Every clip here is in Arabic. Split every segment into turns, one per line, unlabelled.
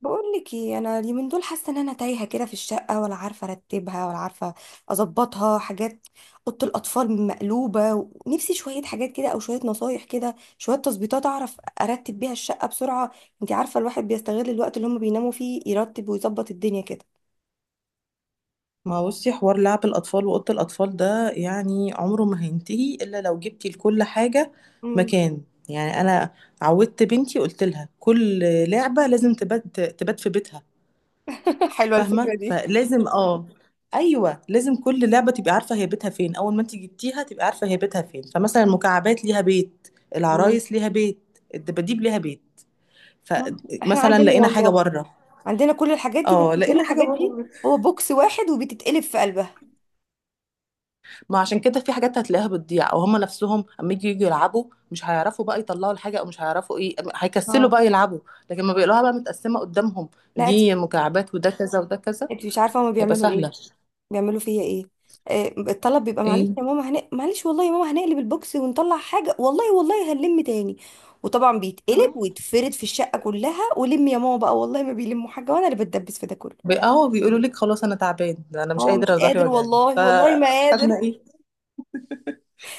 بقول لك ايه، انا اليومين دول حاسه ان انا تايهه كده في الشقه، ولا عارفه ارتبها ولا عارفه اظبطها حاجات. اوضه الاطفال مقلوبه. ونفسي شويه حاجات كده او شويه نصايح كده، شويه تظبيطات اعرف ارتب بيها الشقه بسرعه. انت عارفه الواحد بيستغل الوقت اللي هم بيناموا فيه يرتب ويظبط الدنيا كده.
ما بصي، حوار لعب الأطفال وأوضة الأطفال ده يعني عمره ما هينتهي إلا لو جبتي لكل حاجة
مم.
مكان. يعني أنا عودت بنتي، قلت لها كل لعبة لازم تبات، تبات في بيتها.
حلوة
فاهمة؟
الفكرة دي.
فلازم أيوة لازم كل لعبة تبقى عارفة هي بيتها فين، أول ما أنت جبتيها تبقى عارفة هي بيتها فين. فمثلا المكعبات ليها بيت،
مم.
العرايس ليها بيت، الدباديب ليها بيت.
ما احنا
فمثلا
عندنا
لقينا حاجة
والله،
بره،
عندنا كل الحاجات دي،
اه
بس كل
لقينا حاجة
الحاجات دي
بره.
هو بوكس واحد وبتتقلب في قلبها.
ما عشان كده في حاجات هتلاقيها بتضيع، او هم نفسهم اما يجوا يلعبوا مش هيعرفوا بقى يطلعوا الحاجه، او مش هيعرفوا ايه، هيكسلوا
اه.
بقى يلعبوا. لكن ما بيقولوها بقى متقسمه قدامهم،
لا، انت
دي مكعبات وده كذا وده كذا،
انت مش عارفه هما
هيبقى
بيعملوا ايه،
سهله.
بيعملوا فيا ايه؟ الطلب بيبقى: معلش
ايه؟
يا ماما، معلش والله يا ماما، هنقلب البوكس ونطلع حاجة، والله والله هنلم تاني. وطبعا بيتقلب
اه
ويتفرد في الشقة كلها، ولم يا ماما بقى، والله ما بيلموا حاجة وانا اللي بتدبس في ده كله.
بيقولوا لك خلاص انا تعبان، ده انا مش
اه
قادر،
مش
أنا ظهري
قادر،
وجعني.
والله والله ما
فخدنا
قادر،
ايه؟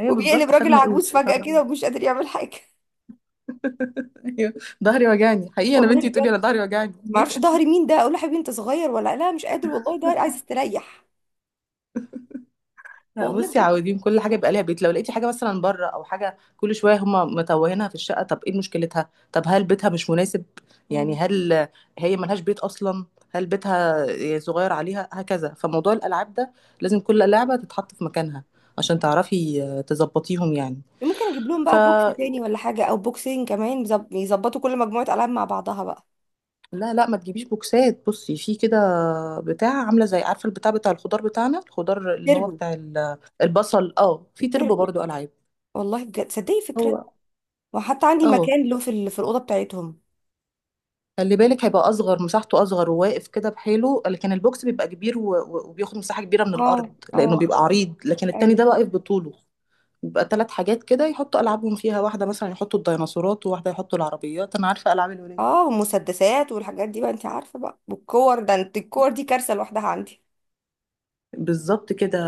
ايوه
وبيقلب
بالظبط،
راجل
خدنا ايه.
عجوز فجأة كده ومش قادر يعمل حاجة.
أيوة، ظهري وجعني حقيقي، انا
والله
بنتي بتقولي
بجد،
انا ظهري وجعني.
ما اعرفش ظهري مين ده، اقول له حبيبي انت صغير ولا لا، مش قادر والله ظهري عايز استريح.
لا
والله
بصي،
بجد.
عاوزين كل حاجه يبقى ليها بيت. لو لقيتي حاجه مثلا بره او حاجه كل شويه هما متوهينها في الشقه، طب ايه مشكلتها؟ طب هل بيتها مش مناسب؟ يعني
مم.
هل هي ملهاش بيت اصلا؟ هل بيتها صغير عليها؟ هكذا. فموضوع الالعاب ده لازم كل لعبه تتحط في مكانها عشان تعرفي آه، تظبطيهم يعني.
ممكن اجيب لهم
ف
بقى بوكس تاني ولا حاجة، او بوكسين كمان يظبطوا كل مجموعة العاب مع بعضها بقى.
لا لا، ما تجيبيش بوكسات. بصي في كده بتاع، عامله زي، عارفه البتاع بتاع الخضار بتاعنا، الخضار اللي هو
تربو.
بتاع البصل. اه في تربو
التربو.
برضو العاب.
والله بجد صدقي فكرة.
هو
وحتى عندي
اه
مكان له في الأوضة بتاعتهم.
خلي بالك هيبقى اصغر، مساحته اصغر وواقف كده بحاله، لكن البوكس بيبقى كبير و... و- وبياخد مساحه كبيره من
اه
الارض لانه
اه.
بيبقى عريض، لكن التاني
ايوه.
ده واقف بطوله. بيبقى ثلاث حاجات كده يحطوا العابهم فيها، واحده مثلا يحطوا الديناصورات وواحده يحطوا العربيات، انا عارفه العاب الولاد.
اه، والمسدسات والحاجات دي بقى انت عارفة بقى، والكور ده، انت الكور دي كارثة لوحدها عندي.
بالظبط كده.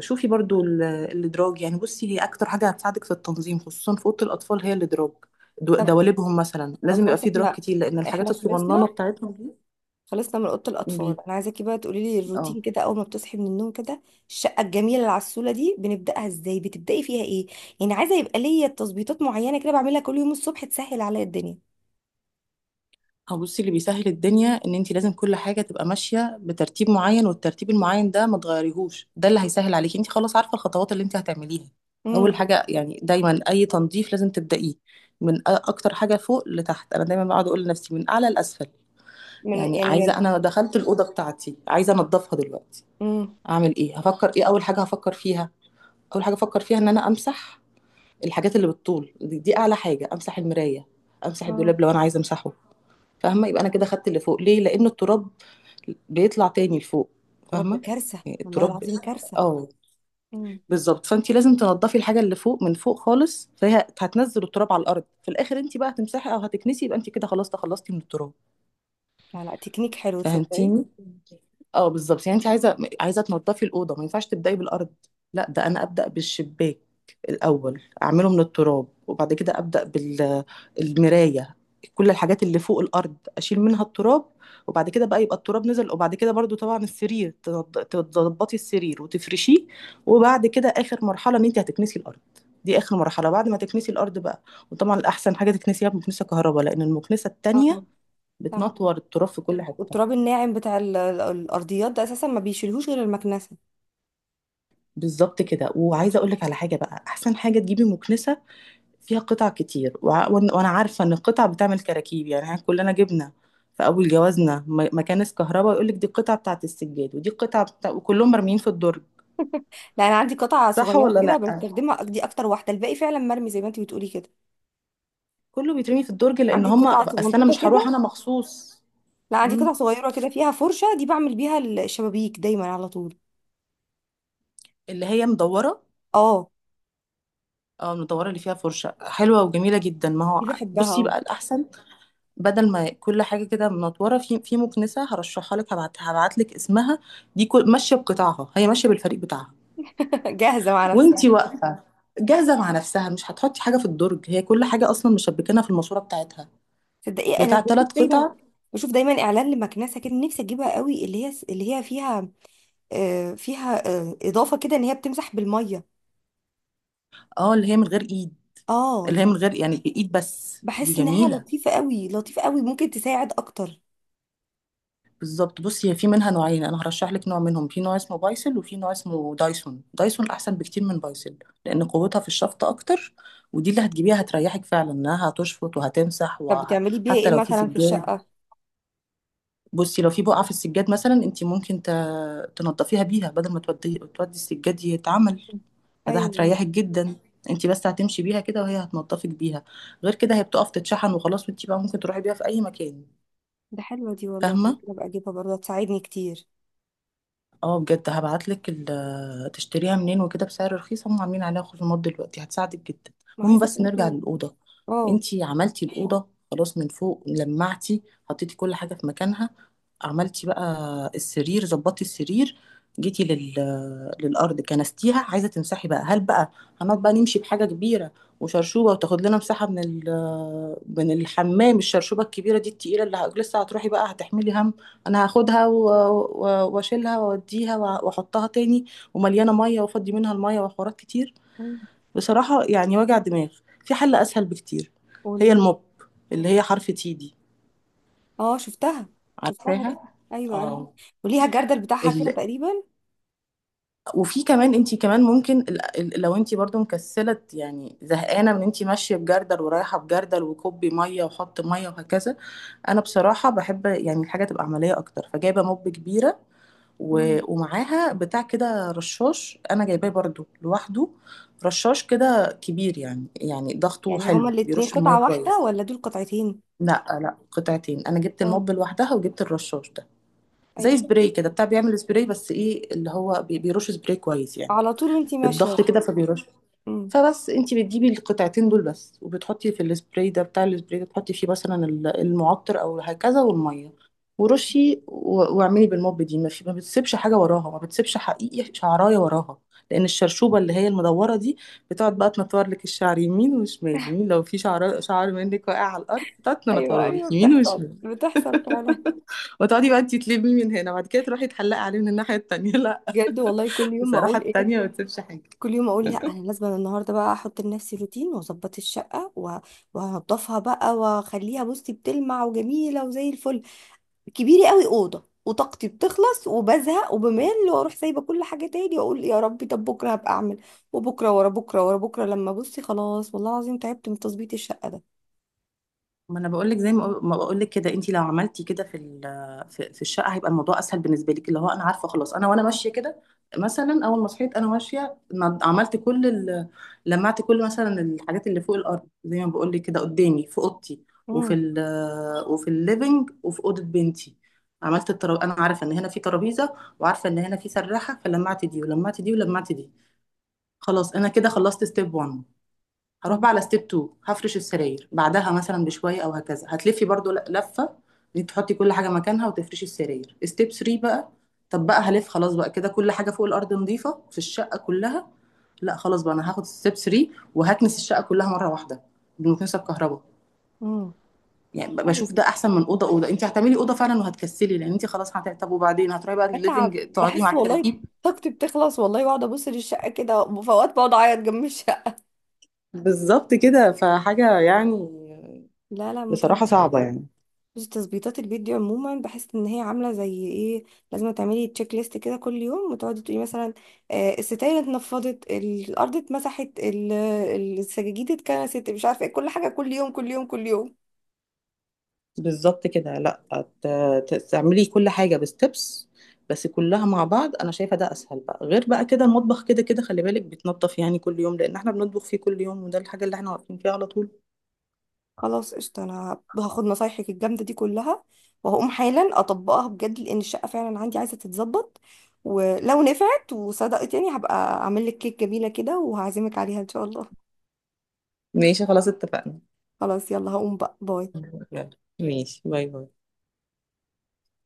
شوفي برضو الادراج، يعني بصي هي اكتر حاجه هتساعدك في التنظيم خصوصا في اوضه الاطفال هي الادراج.
طب
دواليبهم مثلا
طب،
لازم يبقى
خلاص،
فيه دراج
احنا
كتير لان الحاجات
احنا خلصنا
الصغننه بتاعتهم دي.
خلصنا من أوضة
بي...
الأطفال، انا عايزاكي بقى تقولي لي
اه
الروتين كده، أول ما بتصحي من النوم كده. الشقة الجميلة اللي على السولة دي بنبدأها ازاي؟ بتبدأي فيها ايه؟ يعني عايزة يبقى ليا تظبيطات معينة كده بعملها كل يوم الصبح تسهل عليا الدنيا.
هو بصي اللي بيسهل الدنيا ان انت لازم كل حاجه تبقى ماشيه بترتيب معين، والترتيب المعين ده ما تغيريهوش، ده اللي هيسهل عليكي، انت خلاص عارفه الخطوات اللي انت هتعمليها. اول
امم
حاجه يعني، دايما اي تنظيف لازم تبدايه من اكتر حاجه فوق لتحت. انا دايما بقعد اقول لنفسي من اعلى لاسفل.
من
يعني
يعني من
عايزه، انا دخلت الاوضه بتاعتي عايزه انضفها دلوقتي، اعمل ايه؟ هفكر ايه؟ اول حاجه هفكر فيها، اول حاجه افكر فيها ان انا امسح الحاجات اللي بتطول دي، اعلى حاجه، امسح المرايه، امسح
امم
الدولاب لو انا عايزه امسحه. فاهمة؟ يبقى أنا كده خدت اللي فوق، ليه؟ لأن التراب بيطلع تاني لفوق.
رب
فاهمة؟
كارثة،
يعني
والله
التراب،
العظيم كارثة.
اه
مم.
بالظبط. فأنت لازم تنضفي الحاجة اللي فوق من فوق خالص، فهي هتنزل التراب على الأرض، في الآخر أنت بقى هتمسحي أو هتكنسي، يبقى أنت كده خلاص تخلصتي من التراب.
لا لا، تكنيك حلو تصدقي.
فهمتيني؟ اه بالظبط. يعني انت عايزه تنضفي الاوضه، ما ينفعش تبداي بالارض. لا، ده انا ابدا بالشباك الاول، اعمله من التراب، وبعد كده ابدا بالمرايه، كل الحاجات اللي فوق الارض اشيل منها التراب، وبعد كده بقى يبقى التراب نزل. وبعد كده برضو طبعا السرير، تظبطي السرير وتفرشيه. وبعد كده اخر مرحله ان انت هتكنسي الارض، دي اخر مرحله. بعد ما تكنسي الارض بقى، وطبعا الاحسن حاجه تكنسيها بمكنسه كهرباء لان المكنسه التانية
اه. صح،
بتنطور التراب في كل حته.
والتراب الناعم بتاع الارضيات ده اساسا ما بيشيلهوش غير المكنسه.
بالظبط كده. وعايزه اقول لك على حاجه بقى، احسن حاجه تجيبي مكنسه فيها قطع كتير. وع- وأن- وانا عارفه ان القطع بتعمل كراكيب، يعني احنا كلنا جبنا في اول جوازنا مكانس كهرباء يقول لك دي القطعه بتاعه السجاد ودي القطعه بتاع، وكلهم مرميين في الدرج.
لا، انا عندي قطعه
صح
صغيره
ولا
كده
لا؟
بستخدمها، دي اكتر واحده، الباقي فعلا مرمي زي ما انت بتقولي كده.
كله بيترمي في الدرج، لان
عندي
هم
قطعه
اصل انا
صغنطوطه
مش هروح
كده.
انا مخصوص.
لا عندي
مم.
قطعه صغيره كده فيها فرشه، دي بعمل بيها الشبابيك دايما على طول.
اللي هي مدوره،
اه.
اه المدوره اللي فيها فرشه حلوه وجميله جدا، ما
دي
هو
بحبها،
بصي
اه.
بقى الاحسن. بدل ما كل حاجه كده منطوره في مكنسه، هرشحها لك، هبعت لك اسمها. دي كل ماشيه بقطاعها، هي ماشيه بالفريق بتاعها
جاهزه مع نفسها.
وانتي واقفه، جاهزه مع نفسها. مش هتحطي حاجه في الدرج، هي كل حاجه اصلا مشبكينها في الماسوره بتاعتها،
تصدقي انا
بتاع
بشوف
ثلاث قطع.
دايما بشوف دايما اعلان لمكنسه كده، نفسي اجيبها قوي، اللي هي فيها فيها اضافه كده ان هي بتمسح بالميه.
اه اللي هي من غير ايد،
اه
اللي
دي،
هي من غير يعني بايد، بس دي
بحس انها
جميله.
لطيفه قوي لطيفه قوي، ممكن تساعد اكتر.
بالظبط. بصي هي في منها نوعين، انا هرشح لك نوع منهم. في نوع اسمه بايسل وفي نوع اسمه دايسون. دايسون احسن بكتير من بايسل، لان قوتها في الشفط اكتر. ودي اللي هتجيبيها هتريحك فعلا، انها هتشفط وهتمسح
طب بتعملي بيها
وحتى
ايه
لو في
مثلا في
سجاد.
الشقه؟
بصي لو في بقعه في السجاد مثلا، انت ممكن تنضفيها بيها بدل ما تودي السجاد يتعمل، فده
ايوه.
هتريحك جدا. انت بس هتمشي بيها كده وهي هتنضفك بيها. غير كده هي بتقف تتشحن وخلاص، وانت بقى ممكن تروحي بيها في اي مكان.
ده حلوه دي والله،
فاهمه؟
ممكن ابقى اجيبها برضه هتساعدني كتير.
اه بجد، هبعتلك تشتريها منين وكده بسعر رخيص، هم عاملين عليها خصومات دلوقتي، هتساعدك جدا.
ما
المهم
عايزه
بس نرجع
برضه.
للأوضة.
اه.
انتي عملتي الأوضة خلاص، من فوق لمعتي، حطيتي كل حاجة في مكانها، عملتي بقى السرير، ظبطتي السرير، جيتي لل... للأرض كنستيها، عايزة تمسحي بقى، هل بقى هنقعد بقى نمشي بحاجة كبيرة وشرشوبة وتاخد لنا مساحة من من الحمام، الشرشوبة الكبيرة دي التقيلة اللي لسه هتروحي بقى هتحملي هم انا هاخدها و- و- واشيلها واوديها وع- واحطها تاني، ومليانه ميه وافضي منها الميه وحوارات كتير،
مم،
بصراحه يعني وجع دماغ؟ في حل اسهل بكتير، هي
وليه؟
الموب اللي هي حرف تي دي،
اه شفتها، شفتها دي.
عارفاها؟
ايوه ايوه.
اه.
وليها الجردل بتاعها كده
ال...
تقريبا.
وفي كمان انت كمان ممكن لو انت برضو مكسله، يعني زهقانه من انت ماشيه بجردل ورايحه بجردل وكبي ميه وحط ميه وهكذا. انا بصراحه بحب يعني الحاجه تبقى عمليه اكتر، فجايبه موب كبيره
مم.
و- ومعاها بتاع كده رشاش انا جايباه برضو لوحده، رشاش كده كبير يعني ضغطه
يعني هما
حلو
الاتنين
بيرش الميه
قطعه واحده
كويس.
ولا دول قطعتين؟
لا لا قطعتين، انا جبت
اه.
الموب لوحدها وجبت الرشاش ده،
اي
زي
شوف،
سبراي كده، بتاع بيعمل سبراي، بس ايه اللي هو بيرش سبراي كويس يعني،
على طول وانتي ماشيه.
بالضغط كده فبيرش.
مم.
فبس انت بتجيبي القطعتين دول بس وبتحطي في السبراي ده، بتاع السبراي ده تحطي فيه مثلا المعطر او هكذا والميه ورشي، و- واعملي بالموب دي، ما بتسيبش حاجه وراها، ما بتسيبش حقيقي شعرايه وراها. لان الشرشوبه اللي هي المدوره دي بتقعد بقى تنطور لك الشعر يمين وشمال يمين، لو في شعر منك واقع على الارض تقعد
ايوه
تنطوره
ايوه،
لك يمين
بتحصل
وشمال،
بتحصل فعلا.
وتقعدي بقى انت تلمي من هنا، بعد كده تروحي تحلقي عليه من الناحيه التانيه. لا،
بجد والله، كل يوم
بصراحه
اقول ايه؟
التانيه ما بتسيبش حاجه.
كل يوم اقول: لا انا لازم، النهارده بقى احط لنفسي روتين واظبط الشقه، وهنضفها بقى واخليها بصي بتلمع وجميله وزي الفل. كبيره قوي اوضه، وطاقتي بتخلص وبزهق وبمل واروح سايبه كل حاجه تاني، واقول يا ربي طب بكره هبقى اعمل. وبكره ورا بكره ورا بكره، لما بصي خلاص والله العظيم تعبت من تظبيط الشقه ده.
ما انا بقول لك، زي ما بقول لك كده، انت لو عملتي كده في في الشقه هيبقى الموضوع اسهل بالنسبه لك، اللي هو انا عارفه خلاص، انا وانا ماشيه كده مثلا اول ما صحيت انا ماشيه عملت كل لمعت كل مثلا الحاجات اللي فوق الارض، زي ما بقول لك كده قدامي في اوضتي، وفي
امم
وفي الليفينج وفي اوضه بنتي، عملت الترابيزه، انا عارفه ان هنا في ترابيزه وعارفه ان هنا في سراحه، فلمعت دي ولمعت دي ولمعت دي. خلاص انا كده خلصت ستيب 1، هروح بقى على ستيب 2، هفرش السراير بعدها مثلا بشويه او هكذا، هتلفي برضو لفه ان انت تحطي كل حاجه مكانها وتفرشي السراير. ستيب 3 بقى، طب بقى هلف خلاص بقى كده كل حاجه فوق الارض نظيفه في الشقه كلها. لا، خلاص بقى انا هاخد ستيب 3 وهكنس الشقه كلها مره واحده بالمكنسه بكهرباء.
امم
يعني بشوف ده احسن من اوضه، انت هتعملي اوضه فعلا وهتكسلي، لان انت خلاص طب وبعدين هتروحي بقى
بتعب
الليفنج تقعدي
بحس
مع
والله،
الترتيب،
طاقتي بتخلص والله، واقعد ابص للشقه كده، وفي اوقات بقعد اعيط جنب الشقه.
بالظبط كده فحاجه يعني
لا لا، متعب،
بصراحه صعبه يعني.
بس تظبيطات البيت دي عموما بحس ان هي عامله زي ايه: لازم تعملي تشيك ليست كده كل يوم، وتقعدي تقولي مثلا الستاير اتنفضت، الارض اتمسحت، السجاجيد اتكنست، مش عارفه ايه، كل حاجه كل يوم كل يوم كل يوم.
بالظبط كده. لا، ت- تعملي كل حاجه بستبس، بس كلها مع بعض، انا شايفه ده اسهل بقى. غير بقى كده المطبخ كده كده خلي بالك بيتنضف يعني كل يوم لان احنا بنطبخ فيه كل يوم، وده الحاجه اللي احنا واقفين فيها على طول.
خلاص قشطة، انا هاخد نصايحك الجامدة دي كلها، وهقوم حالا اطبقها بجد، لان الشقة فعلا عندي عايزة تتظبط. ولو نفعت وصدقت يعني، هبقى اعمل لك كيك جميلة كده وهعزمك عليها ان شاء الله.
ماشي خلاص اتفقنا.
خلاص يلا، هقوم بقى، باي.
يلا ماشي، باي باي.